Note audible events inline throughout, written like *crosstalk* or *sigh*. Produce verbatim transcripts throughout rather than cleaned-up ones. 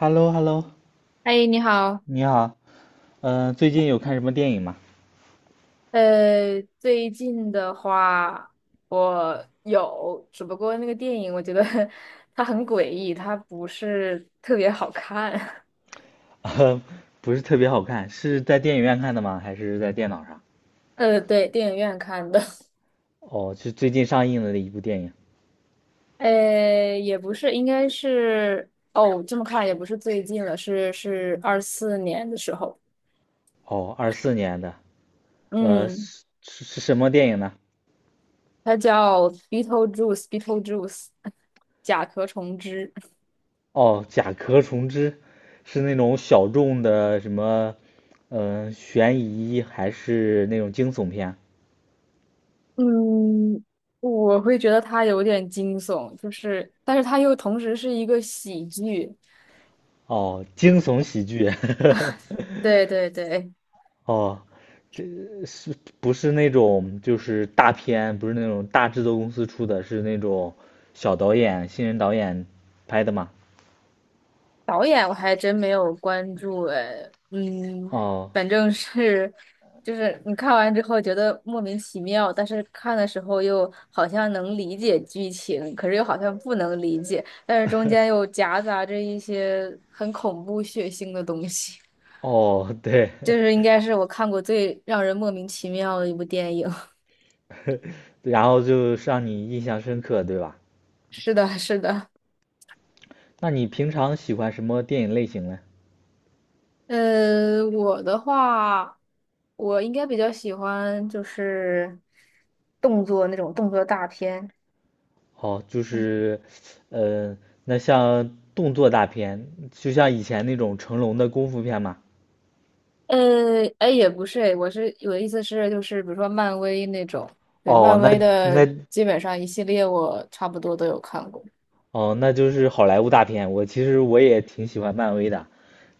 h e l l o h e l l o 哎，你好，你好。呃，最近有看什么电影吗？呃，最近的话，我有，只不过那个电影，我觉得 *laughs* 它很诡异，它不是特别好看。*laughs* 呃，不是特别好看，是在电影院看的吗？还是在电脑上？*laughs* 呃，对，电影院看的，哦，是最近上映的一部电影。*laughs* 呃，也不是，应该是，哦，这么看也不是最近了，是是二四年的时候，哦，二四年的。呃，嗯，是是是什么电影呢？它叫《Beetlejuice》，Beetlejuice，甲壳虫之。哦，《甲壳虫之》，是那种小众的什么，嗯，悬疑还是那种惊悚片？嗯，我会觉得它有点惊悚，就是，但是它又同时是一个喜剧。哦，惊悚喜剧。*laughs* 对对对，哦，不是那种就是大片，不是那种大制作公司出的，是那种小导演、新人导演拍的嘛？导演我还真没有关注哎，嗯，哦反正是，就是你看完之后觉得莫名其妙，但是看的时候又好像能理解剧情，可是又好像不能理解，但是中间又夹杂着一些很恐怖血腥的东西。哦，对。就是应该是我看过最让人莫名其妙的一部电影。*laughs* *laughs* 然后就让你印象深刻，对吧？是的，是的。那你平常喜欢什么电影类型呢？呃，我的话，我应该比较喜欢就是动作那种动作大片。哦，就是，呃，那像动作大片，就像以前那种成龙的功夫片嘛。呃，哎，也不是，哎，我是我的意思是，就是比如说漫威那种，对，哦，漫那威的那基本上一系列我差不多都有看过。哦，那就是好莱坞大片。我其实我也挺喜欢漫威的。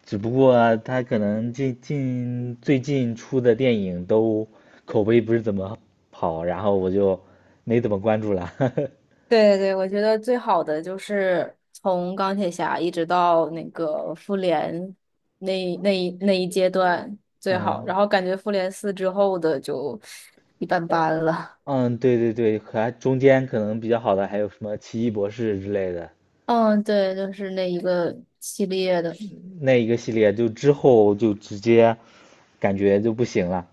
只不过他可能近近最近出的电影都口碑不是怎么好，然后我就没怎么关注了。*laughs* 对对，对，我觉得最好的就是从钢铁侠一直到那个复联那一那一那一阶段最好，嗯然后感觉复联四之后的就一般般了。嗯，对对对，还中间可能比较好的还有什么《奇异博士》之类的，嗯，对，就是那一个系列的。那一个系列就之后就直接感觉就不行了。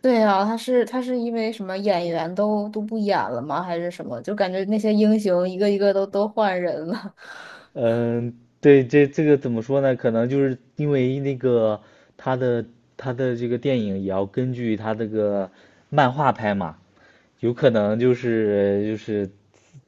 对啊，他是他是因为什么演员都都不演了吗？还是什么？就感觉那些英雄一个一个都都换人了。*laughs* 嗯，对，这这个怎么说呢？可能就是因为那个他的他的这个电影也要根据他这个漫画拍嘛，有可能就是就是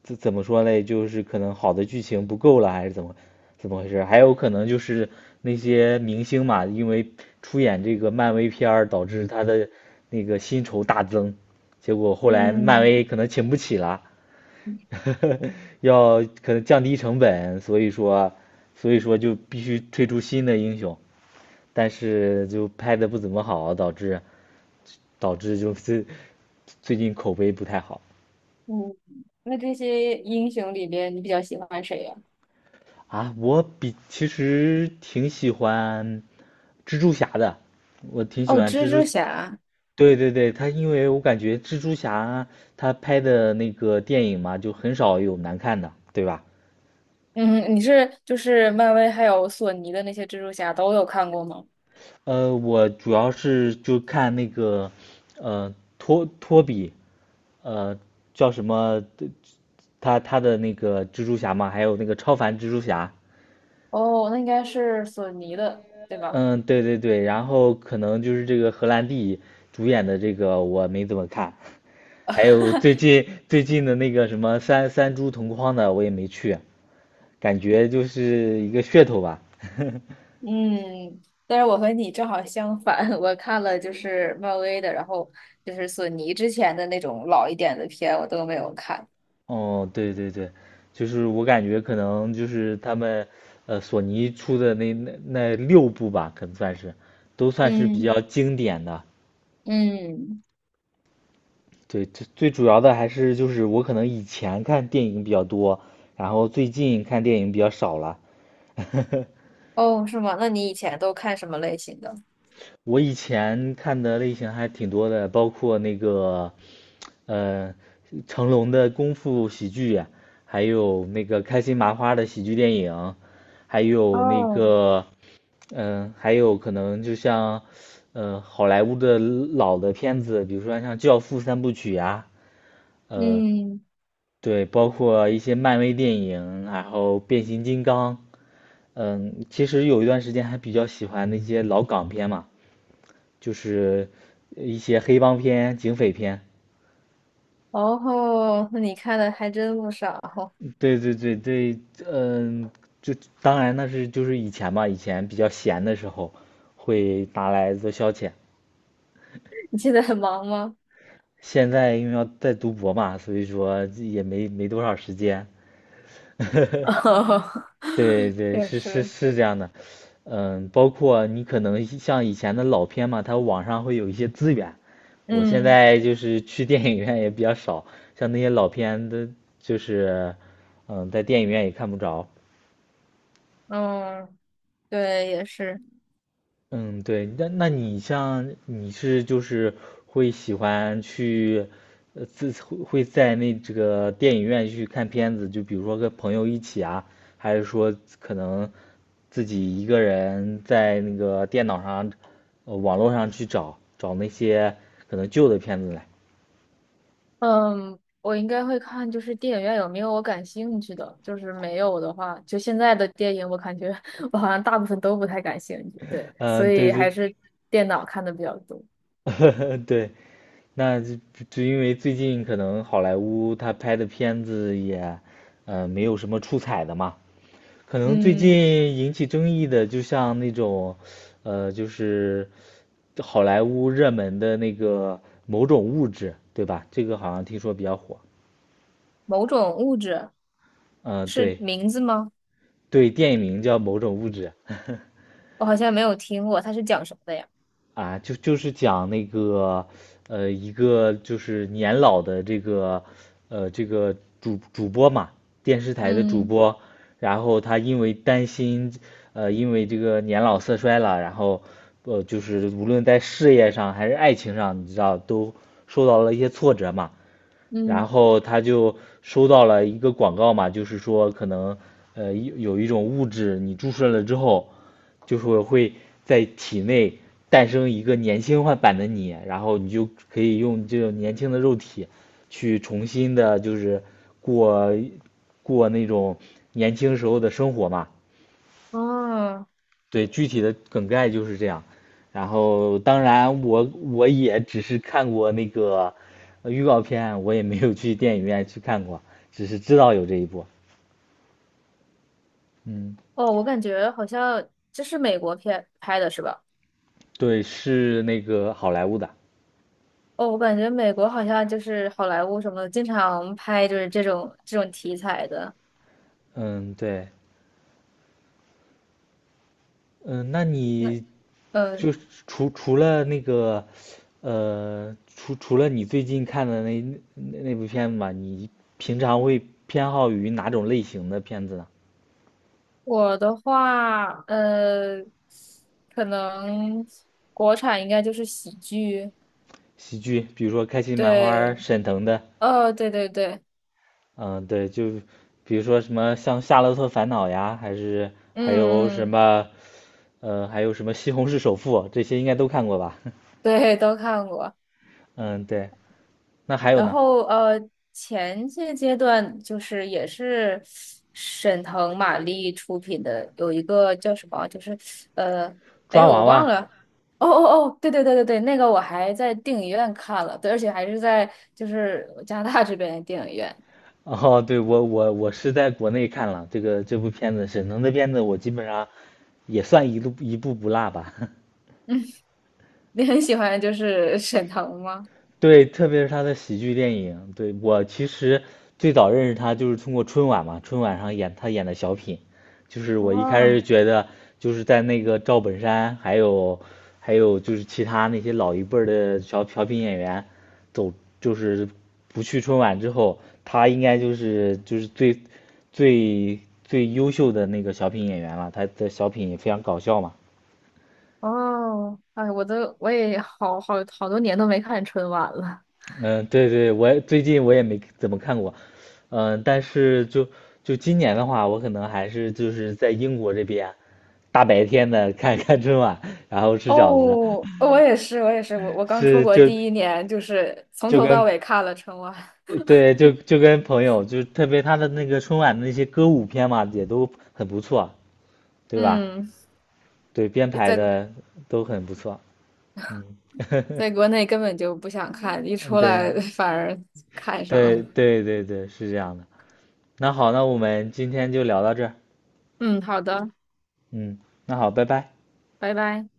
怎怎么说嘞？就是可能好的剧情不够了，还是怎么怎么回事？还有可能就是那些明星嘛，因为出演这个漫威片儿，导致他的那个薪酬大增，结果后来漫嗯威可能请不起了。*laughs* 要可能降低成本，所以说，所以说就必须推出新的英雄，但是就拍的不怎么好，导致导致就是最近口碑不太好。嗯，那这些英雄里边，你比较喜欢谁呀、啊，我比其实挺喜欢蜘蛛侠的，我挺喜哦，欢蜘蜘蛛蛛。侠。对对对，他因为我感觉蜘蛛侠他拍的那个电影嘛，就很少有难看的，对吧？嗯，你是就是漫威还有索尼的那些蜘蛛侠都有看过吗？呃，我主要是就看那个，呃，托托比，呃，叫什么？他他的那个蜘蛛侠嘛，还有那个超凡蜘蛛侠。哦，那应该是索尼的，对吧？嗯，对对对，然后可能就是这个荷兰弟主演的这个我没怎么看，还有最 *laughs* 近最近的那个什么三三株同框的我也没去，感觉就是一个噱头吧。*laughs* 嗯，但是我和你正好相反，*laughs* 我看了就是漫威的，然后就是索尼之前的那种老一点的片，我都没有看。哦，对对对，就是我感觉可能就是他们，呃，索尼出的那那那六部吧，可能算是，都算是比嗯，较经典的。嗯，对，最最主要的还是就是我可能以前看电影比较多，然后最近看电影比较少了。*laughs* 哦，是吗？那你以前都看什么类型的？我以前看的类型还挺多的，包括那个嗯，成龙的功夫喜剧呀，还有那个开心麻花的喜剧电影，还有那哦，个，嗯、还有可能就像，嗯，好莱坞的老的片子，比如说像《教父》三部曲呀、嗯，对，包括一些漫威电影，然后变形金刚，嗯，其实有一段时间还比较喜欢那些老港片嘛，就是一些黑帮片、警匪片。哦，那你看的还真不少。*laughs* 对对对对，嗯，就当然那是就是以前吧，以前比较闲的时候会拿来做消遣。你现在很忙吗？现在因为要在读博嘛，所以说也没没多少时间。*laughs* *laughs* 哦对对，也是是是，是这样的，嗯，包括你可能像以前的老片嘛，它网上会有一些资源。我现嗯在就是去电影院也比较少，像那些老片的，就是嗯，在电影院也看不着。嗯，对，也是。嗯，对，那那你像你是就是会喜欢去，呃，自会会在那这个电影院去看片子，就比如说跟朋友一起啊，还是说可能自己一个人在那个电脑上，呃，网络上去找找那些可能旧的片子来。嗯，我应该会看，就是电影院有没有我感兴趣的，就是没有的话，就现在的电影，我感觉 *laughs* 我好像大部分都不太感兴趣，对，所嗯，对以还对。是电脑看的比较多。*laughs* 对，那就就因为最近可能好莱坞他拍的片子也，呃，没有什么出彩的嘛。可能最嗯，近引起争议的，就像那种，呃，就是好莱坞热门的那个某种物质，对吧？这个好像听说比较火。某种物质嗯、是对名字吗？对，电影名叫《某种物质》。我好像没有听过，它是讲什么的呀？啊，就就是讲那个，呃，一个就是年老的这个，呃，这个主主播嘛，电视台的主嗯播，然后他因为担心，呃，因为这个年老色衰了，然后，呃，就是无论在事业上还是爱情上，你知道都受到了一些挫折嘛，然嗯，后他就收到了一个广告嘛，就是说可能呃有一种物质，你注射了之后，就是会在体内诞生一个年轻化版的你，然后你就可以用这种年轻的肉体去重新的，就是过过那种年轻时候的生活嘛。哦对，具体的梗概就是这样。然后，当然我我也只是看过那个呃预告片，我也没有去电影院去看过，只是知道有这一部。嗯，哦，我感觉好像这是美国片拍的是吧？对，是那个好莱坞的。哦，我感觉美国好像就是好莱坞什么的，经常拍就是这种这种题材的。嗯，对，嗯，那那。你嗯。呃就是除除了那个，呃，除除了你最近看的那那那部片子吧，你平常会偏好于哪种类型的片子呢？我的话，呃，可能国产应该就是喜剧，喜剧，比如说开心麻花、对，沈腾的。哦，对对对，嗯，对，就比如说什么像《夏洛特烦恼》呀，还是还有嗯什嗯，么，呃，还有什么《西红柿首富》，这些应该都看过吧？对，都看过。*laughs* 嗯，对。那还有然呢，后呃，前些阶段就是也是沈腾、马丽出品的，有一个叫什么，就是呃，抓哎，我娃忘娃。了。哦哦哦，对对对对对，那个我还在电影院看了，对，而且还是在就是加拿大这边的电影院。哦，对，我我我是在国内看了这个这部片子，沈腾的片子我基本上也算一路一部不落吧。*laughs* 你很喜欢就是沈腾吗？对，特别是他的喜剧电影，对，我其实最早认识他就是通过春晚嘛，春晚上演他演的小品，就是我一开始哦觉得就是在那个赵本山，还有还有就是其他那些老一辈儿的小小品演员走，就是不去春晚之后，他应该就是就是最最最优秀的那个小品演员了，他的小品也非常搞笑嘛。哦，哎，我都我也好好好多年都没看春晚了。嗯，对对，我也最近我也没怎么看过，嗯，但是就就今年的话，我可能还是就是在英国这边，大白天的看 *laughs* 看春晚，然后吃哦，饺子，我也是，我也是，我我刚出是国就第一年，就是从就头跟到尾看了春晚。*laughs* 对就就跟朋友，就是特别他的那个春晚的那些歌舞片嘛，也都很不错，对吧？嗯，对，编排在的都很不错，嗯。在国内根本就不想看，一出 *laughs* 对来 *laughs* 反而看上对了。对对对，是这样的。那好，那我们今天就聊到这儿，嗯，好的，嗯，那好，拜拜。拜拜。